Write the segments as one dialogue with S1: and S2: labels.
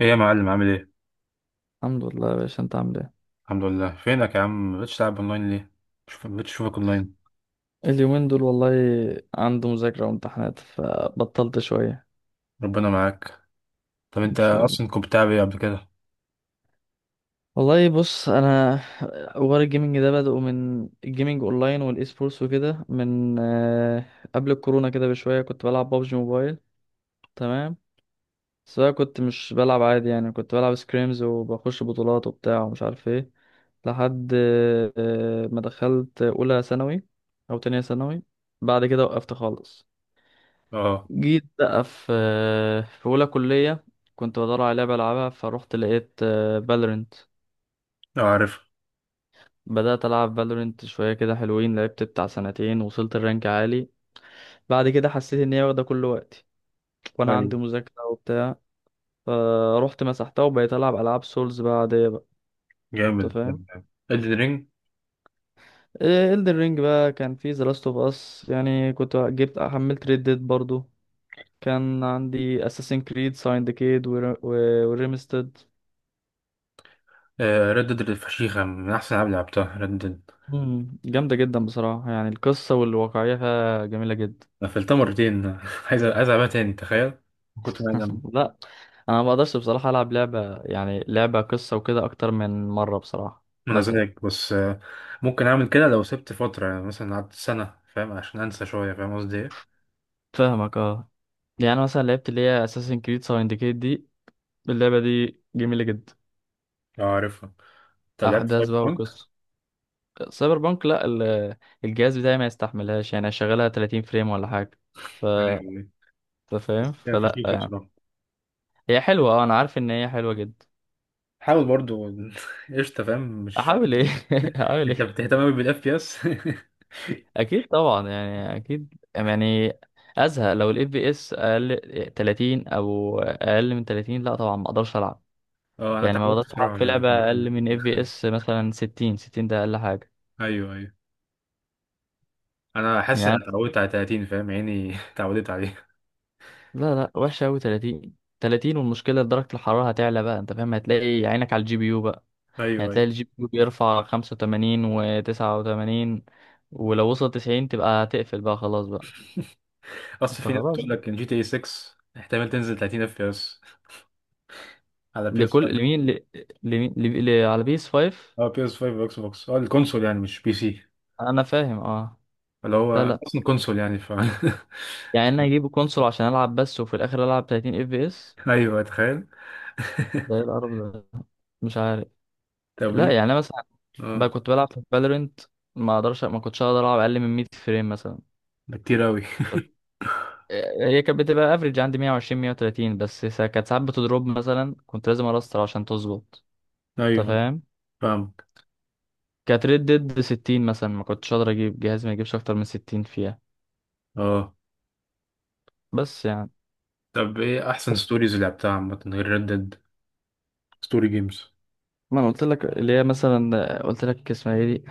S1: ايه يا معلم، عامل ايه؟
S2: الحمد لله يا باشا، انت عامل ايه؟
S1: الحمد لله، فينك يا عم؟ مبقتش تلعب اونلاين ليه؟ مش مبقتش اشوفك اونلاين.
S2: اليومين دول والله، عنده مذاكرة وامتحانات فبطلت شوية.
S1: ربنا معاك. طب
S2: ان
S1: انت
S2: شاء الله.
S1: اصلا كنت بتلعب ايه قبل كده؟
S2: والله بص، انا حوار الجيمنج ده بدأه من الجيمنج اونلاين والاي سبورتس وكده، من قبل الكورونا كده بشوية كنت بلعب بابجي موبايل. تمام. بس بقى كنت مش بلعب عادي، يعني كنت بلعب سكريمز وبخش بطولات وبتاع ومش عارف ايه لحد ما دخلت اولى ثانوي، او تانية ثانوي. بعد كده وقفت خالص.
S1: اه.
S2: جيت بقى في أولى كلية، كنت بدور على لعبة ألعبها فروحت لقيت فالورنت.
S1: اه، عارف.
S2: بدأت ألعب فالورنت شوية، كده حلوين، لعبت بتاع سنتين وصلت الرانك عالي. بعد كده حسيت إن هي واخدة كل وقتي وأنا
S1: ايوه.
S2: عندي مذاكرة وبتاع. فروحت مسحتها وبقيت ألعب ألعاب سولز بقى، عادية بقى. أنت
S1: جامد.
S2: فاهم.
S1: ريد رينج
S2: إلدن رينج بقى كان في ذا لاست أوف أس، يعني كنت جبت حملت ريد ديد برضو، كان عندي اساسن كريد سايندكيد وريمستد.
S1: ريد ديد الفشيخة من احسن العاب اللي لعبتها، ريد ديد.
S2: مم. جامدة جدا بصراحة، يعني القصة والواقعية فيها جميلة جدا.
S1: قفلتها مرتين عايز العبها تاني، تخيل. كنت انا جامد.
S2: لا. أنا ما بقدرش بصراحة ألعب لعبة، يعني لعبة قصة وكده أكتر من مرة، بصراحة
S1: انا
S2: بزهق.
S1: زيك، بس ممكن اعمل كده لو سبت فترة، يعني مثلا قعدت سنة، فاهم؟ عشان انسى شوية، فاهم قصدي ايه؟
S2: فاهمك اه. يعني مثلا لعبت اللي هي أساسن كريد ساوندكيت دي، اللعبة دي جميلة جدا.
S1: اه، عارفها. طب لعبت
S2: أحداث
S1: سايبر
S2: بقى
S1: بانك؟
S2: وقصة. سايبر بانك لا. الجهاز بتاعي ما يستحملهاش، يعني أشغلها 30 فريم ولا حاجة، ف
S1: أيوة.
S2: أنت
S1: بس
S2: فاهم،
S1: هي
S2: فلا
S1: فشيخة
S2: يعني.
S1: بصراحة.
S2: هي حلوة اه، أنا عارف إن هي حلوة جدا.
S1: حاول برضو قشطة، فاهم مش
S2: أحاول إيه؟ أحاول
S1: انت
S2: إيه؟
S1: بتهتم قوي بالاف بي اس
S2: اكيد طبعا يعني، اكيد يعني ازهق لو الاف بي اس اقل 30، او اقل من 30. لا طبعا ما اقدرش العب،
S1: اه، انا
S2: يعني ما
S1: اتعودت
S2: بقدرش العب
S1: بصراحة
S2: في
S1: على
S2: لعبه اقل
S1: 30.
S2: من اف بي اس مثلا 60. 60 ده اقل حاجه
S1: ايوه، ايوه. انا حاسس
S2: يعني.
S1: اني اتعودت على 30، فاهم؟ عيني اتعودت عليه.
S2: لا، لا وحشه قوي 30. 30 والمشكله درجه الحراره هتعلى بقى، انت فاهم، هتلاقي عينك على الجي بي يو بقى،
S1: ايوه،
S2: يعني
S1: ايوه.
S2: هتلاقي الجي بي يو بيرفع 85 و89، ولو وصل 90 تبقى هتقفل بقى، خلاص بقى،
S1: اصل
S2: انت
S1: في ناس
S2: خلاص
S1: بتقول
S2: بقى.
S1: لك ان جي تي اي 6 احتمال تنزل 30 اف بي اس على بي اس 5.
S2: لكل لمين ل... لمين ل... ل... على بيس 5.
S1: اه، بي اس 5 واكس بوكس، اه الكونسول يعني مش بي سي.
S2: انا فاهم اه.
S1: اللي هو
S2: لا،
S1: أنا
S2: لا
S1: اصلا كونسول، يعني ف
S2: يعني انا اجيب كونسول عشان العب بس وفي الاخر العب 30 اف بي اس؟
S1: ايوه، تخيل
S2: ده ايه القرف ده؟ مش عارف.
S1: طب
S2: لا
S1: ليه؟
S2: يعني انا مثلا بقى
S1: اه.
S2: كنت بلعب في فالورنت، ما اقدرش، ما كنتش اقدر العب اقل من 100 فريم مثلا.
S1: ده كتير قوي
S2: طب هي كانت بتبقى افريج عندي 120 130، بس كانت ساعات بتضرب، مثلا كنت لازم ارستر عشان تظبط.
S1: ايوه،
S2: انت
S1: أيوة،
S2: فاهم.
S1: فاهمك.
S2: كانت ريد ديد 60 مثلا، ما كنتش اقدر اجيب جهاز ما يجيبش اكتر من 60 فيها.
S1: اه،
S2: بس يعني
S1: طب ايه احسن ستوريز اللي لعبتها عامة غير ريد ديد؟ ستوري جيمز.
S2: ما انا قلت لك اللي هي، مثلا قلت لك اسمها ايه دي،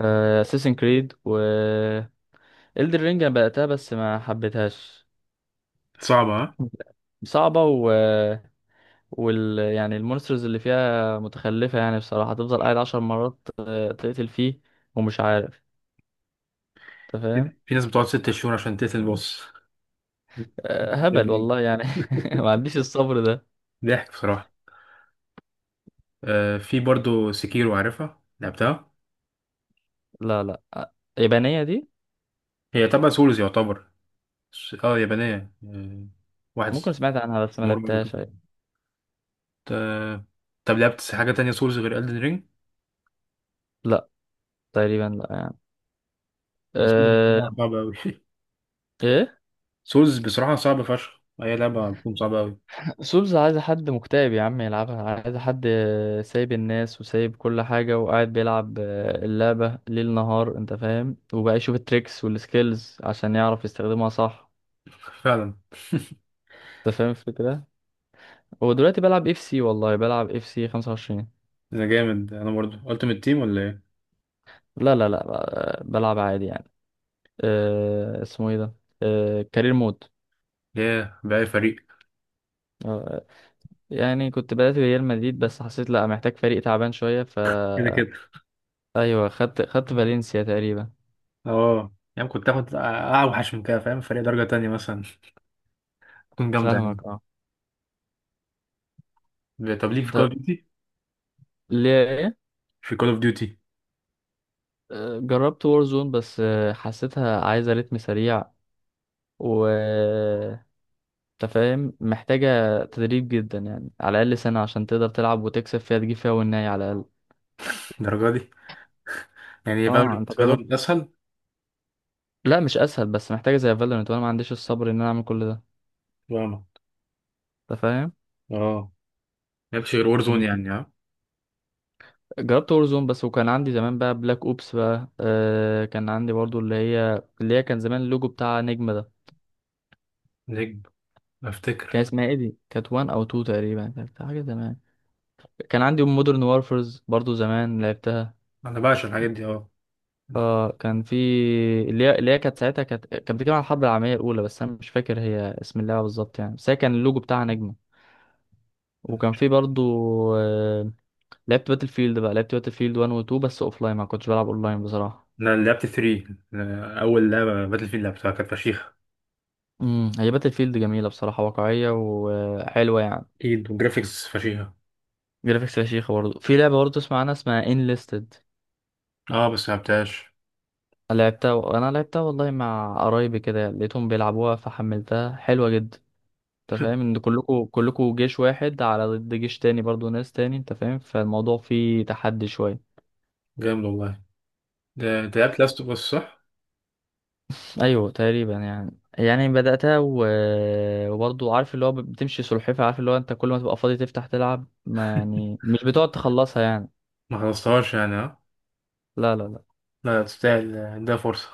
S2: اساسن كريد، و إلدر رينج انا بدأتها بس ما حبيتهاش.
S1: صعبة، ها؟
S2: صعبة و... يعني المونسترز اللي فيها متخلفة، يعني بصراحة تفضل قاعد عشر مرات تقتل فيه، ومش عارف، انت فاهم.
S1: في ناس بتقعد 6 شهور عشان تقتل البوس.
S2: هبل
S1: يعني.
S2: والله يعني. ما عنديش الصبر ده.
S1: ضحك بصراحة. آه، في برضو سكيرو، عارفها؟ لعبتها؟
S2: لا، لا. يابانية دي.
S1: هي تبع سولز يعتبر. اه، يابانية. آه. واحد.
S2: ممكن سمعت عنها بس ما
S1: مرة.
S2: لعبتهاش. أيوة.
S1: آه. طب لعبت حاجة تانية سولز غير ألدن رينج؟
S2: لا، تقريبا لا يعني.
S1: هي سولز
S2: أه...
S1: بصراحة صعبة أوي
S2: ايه.
S1: سولز بصراحة صعبة فشخ، هي لعبة بتكون صعبة أوي.
S2: سولز عايز حد مكتئب يا عم يلعبها، عايز حد سايب الناس وسايب كل حاجة وقاعد بيلعب اللعبة ليل نهار، انت فاهم، وبقى يشوف التريكس والسكيلز عشان يعرف يستخدمها صح.
S1: فعلا.
S2: انت فاهم الفكرة. هو دلوقتي بلعب اف سي، والله بلعب اف سي 25.
S1: أنا جامد. أنا برضو ألتيمت تيم ولا إيه؟
S2: لا، لا، لا، بلعب عادي يعني. أه، اسمه ايه ده؟ أه، كارير مود.
S1: ياه، بقى فريق.
S2: أه، يعني كنت بدأت بريال مدريد بس حسيت لا، محتاج فريق تعبان شوية، ف
S1: كده كده.
S2: ايوه، خدت فالنسيا تقريبا.
S1: اه، يعني كنت تاخد اوحش من كده، فاهم؟ فريق درجة تانية مثلا، تكون جامدة.
S2: فاهمك اه.
S1: يعني طب ليك في كول
S2: طب
S1: اوف ديوتي؟
S2: ليه؟
S1: في كول اوف ديوتي.
S2: جربت وورزون بس حسيتها عايزة رتم سريع، و تفاهم محتاجة تدريب جدا، يعني على الأقل سنة عشان تقدر تلعب وتكسب فيها، تجيب فيها والنهاية على الأقل.
S1: الدرجة دي. يعني
S2: اه
S1: فالورنت،
S2: انت جربت.
S1: فالورنت اسهل.
S2: لا مش أسهل، بس محتاجة زي فالورنت وأنا ما عنديش الصبر إن أنا أعمل كل ده.
S1: فاهمك.
S2: أنت فاهم.
S1: اه. مالكش غير وور زون،
S2: مم.
S1: يعني اه.
S2: جربت وورزون بس، وكان عندي زمان بقى بلاك أوبس بقى، كان عندي برضو اللي هي كان زمان اللوجو بتاع نجمة ده.
S1: نجم.
S2: كان
S1: افتكر.
S2: اسمها ايه دي؟ كانت وان أو تو تقريبا، كانت حاجة زمان. كان عندي مودرن وارفرز برضو، زمان لعبتها.
S1: انا بعشق الحاجات دي، اه.
S2: اه كان في اللي هي كانت ساعتها، كانت بتتكلم عن الحرب العالميه الاولى، بس انا مش فاكر هي اسم اللعبه بالظبط يعني، بس هي كان اللوجو بتاعها نجمه. وكان في برضو آه، لعبت باتل فيلد بقى، لعبت باتل فيلد 1 و 2 بس اوف لاين، ما كنتش بلعب اون لاين بصراحه.
S1: انا لعبت 3، اول لعبة باتل فيلد لعبتها، كانت فشيخة.
S2: هي باتل فيلد جميله بصراحه، واقعيه وحلوه يعني.
S1: اكيد، وجرافيكس فشيخة.
S2: جرافيكس فشيخه برضو، في لعبه برضو اسمها، عنها، اسمها ان ليستد.
S1: اه، بس ما لعبتهاش.
S2: لعبتها، انا لعبتها والله مع قرايبي، كده لقيتهم بيلعبوها فحملتها، حلوه جدا. انت فاهم ان كلكوا جيش واحد على ضد جيش تاني، برضو ناس تاني، انت فاهم، فالموضوع فيه تحدي شوية.
S1: جامد والله. ده انت لعبت لاست اوف اس، صح؟
S2: ايوه تقريبا يعني بدأتها و... وبرضو عارف اللي هو بتمشي سلحفة، عارف اللي هو انت كل ما تبقى فاضي تفتح تلعب، ما يعني مش بتقعد تخلصها يعني.
S1: ما خلصتهاش يعني، اه.
S2: لا، لا، لا.
S1: لا تستاهل، ده فرصة.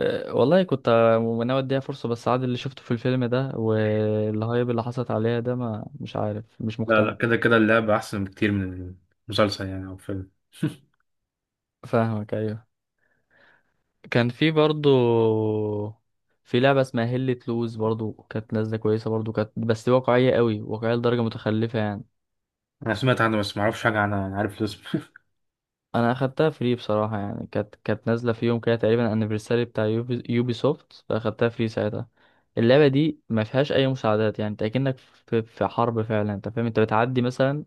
S2: والله كنت ناوي اديها فرصة، بس عاد اللي شفته في الفيلم ده والهايب اللي حصلت عليها ده، ما مش عارف، مش
S1: لا لا،
S2: مقتنع.
S1: كده كده اللعبة أحسن بكتير من المسلسل يعني، أو فيلم
S2: فاهمك ايوه. كان في برضو في لعبة اسمها هيلة لوز، برضو كانت نازلة كويسة برضو، كانت بس واقعية قوي، واقعية لدرجة متخلفة يعني.
S1: أنا سمعت عنه بس معرفش حاجة عنها، أنا عارف الاسم
S2: انا اخدتها فري بصراحة، يعني كانت نازلة في يوم كده تقريبا، انيفرساري بتاع يوبي سوفت، فاخدتها فري ساعتها. اللعبة دي ما فيهاش اي مساعدات، يعني انت اكنك في حرب فعلا، انت فاهم، انت بتعدي مثلا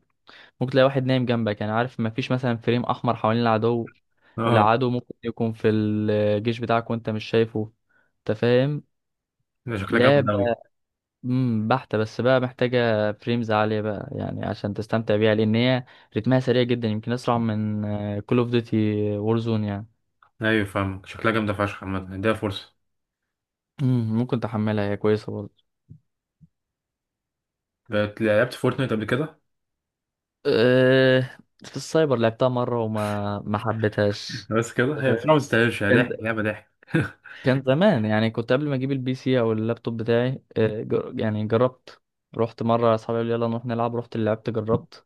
S2: ممكن تلاقي واحد نايم جنبك، يعني عارف ما فيش مثلا فريم احمر حوالين العدو.
S1: اه،
S2: العدو ممكن يكون في الجيش بتاعك وانت مش شايفه. انت فاهم.
S1: ده شكلها
S2: لا.
S1: جامدة أوي.
S2: بحتة، بس بقى محتاجة فريمز عالية بقى يعني عشان تستمتع بيها، لأن هي رتمها سريع جدا، يمكن أسرع من كول اوف ديوتي، وورزون يعني.
S1: أيوة، فاهمك، شكلها جامدة فشخ. عامة اديها فرصة.
S2: ممكن تحملها، هي كويسة برضه.
S1: لعبت فورتنايت قبل كده.
S2: أه في السايبر لعبتها مرة وما ما حبيتهاش.
S1: بس كده،
S2: أنت
S1: هي بصراحة
S2: فاهم؟
S1: ما تستاهلش، هي
S2: كان،
S1: ضحك، لعبة ضحك.
S2: كان زمان يعني، كنت قبل ما أجيب البي سي أو اللابتوب بتاعي، يعني جربت، رحت مرة، أصحابي قالوا لي يلا نروح نلعب، رحت لعبت جربت.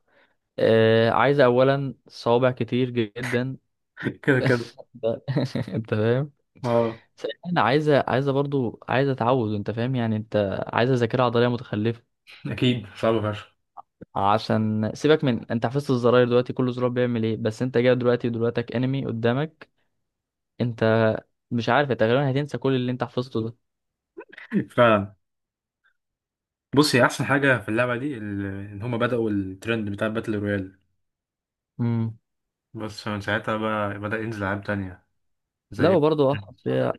S2: أه، عايزة أولا صوابع كتير جدا.
S1: كده كده.
S2: ده- انت فاهم.
S1: اه،
S2: بس انا عايزه برضو، عايزه تعود، انت فاهم، يعني انت عايزه ذاكره عضليه متخلفه
S1: أكيد صعبة فشخ.
S2: عشان سيبك من انت حفظت الزراير دلوقتي كل زرار بيعمل ايه، بس انت جاي دلوقتي، دلوقتك انمي قدامك، انت مش عارف، انت غالبا هتنسى كل اللي انت حفظته ده.
S1: فعلا. بص، هي أحسن حاجة في اللعبة دي إن هما بدأوا الترند بتاع باتل رويال.
S2: امم.
S1: بس من ساعتها بقى بدأ ينزل ألعاب تانية. زي
S2: لا
S1: إيه؟
S2: وبرضه اصعب فيها،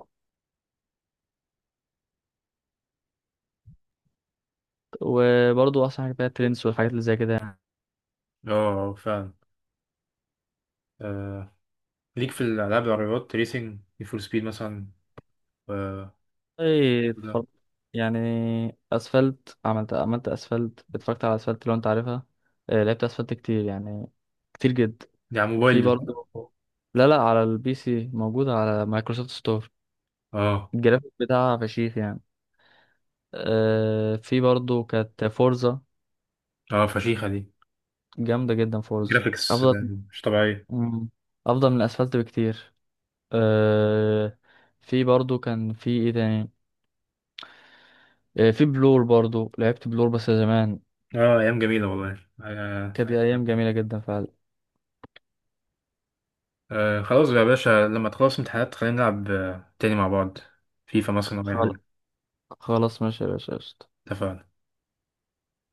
S2: وبرضه اصعب حاجه فيها ترندز والحاجات اللي زي كده يعني.
S1: اه، آه، فعلا. آه. ليك في الألعاب العربيات ريسنج، نيد فور سبيد مثلا. و-
S2: والله
S1: وده.
S2: يعني اسفلت، عملت اسفلت، اتفرجت على اسفلت لو انت عارفها. لعبت اسفلت كتير يعني، كتير جدا.
S1: دي على موبايل
S2: في
S1: دي، صح؟
S2: برضه. لا، لا، على البي سي موجود على مايكروسوفت ستور.
S1: اه،
S2: الجرافيك بتاعها فشيخ يعني. في برضه كانت فورزا.
S1: اه فشيخة دي.
S2: جامدة جدا فورزا،
S1: جرافيكس
S2: أفضل.
S1: مش طبيعية.
S2: مم. أفضل من الأسفلت بكتير. آه في برضه كان في إيه تاني؟ في بلور برضه، لعبت بلور بس زمان.
S1: اه، أيام جميلة والله، آه.
S2: كانت أيام جميلة جدا فعلا.
S1: آه. خلاص يا باشا، لما تخلص امتحانات خلينا نلعب تاني مع بعض. فيفا مثلا أو أي
S2: خل-
S1: حاجة.
S2: خلاص ماشي يا باشا، قشطة.
S1: اتفقنا.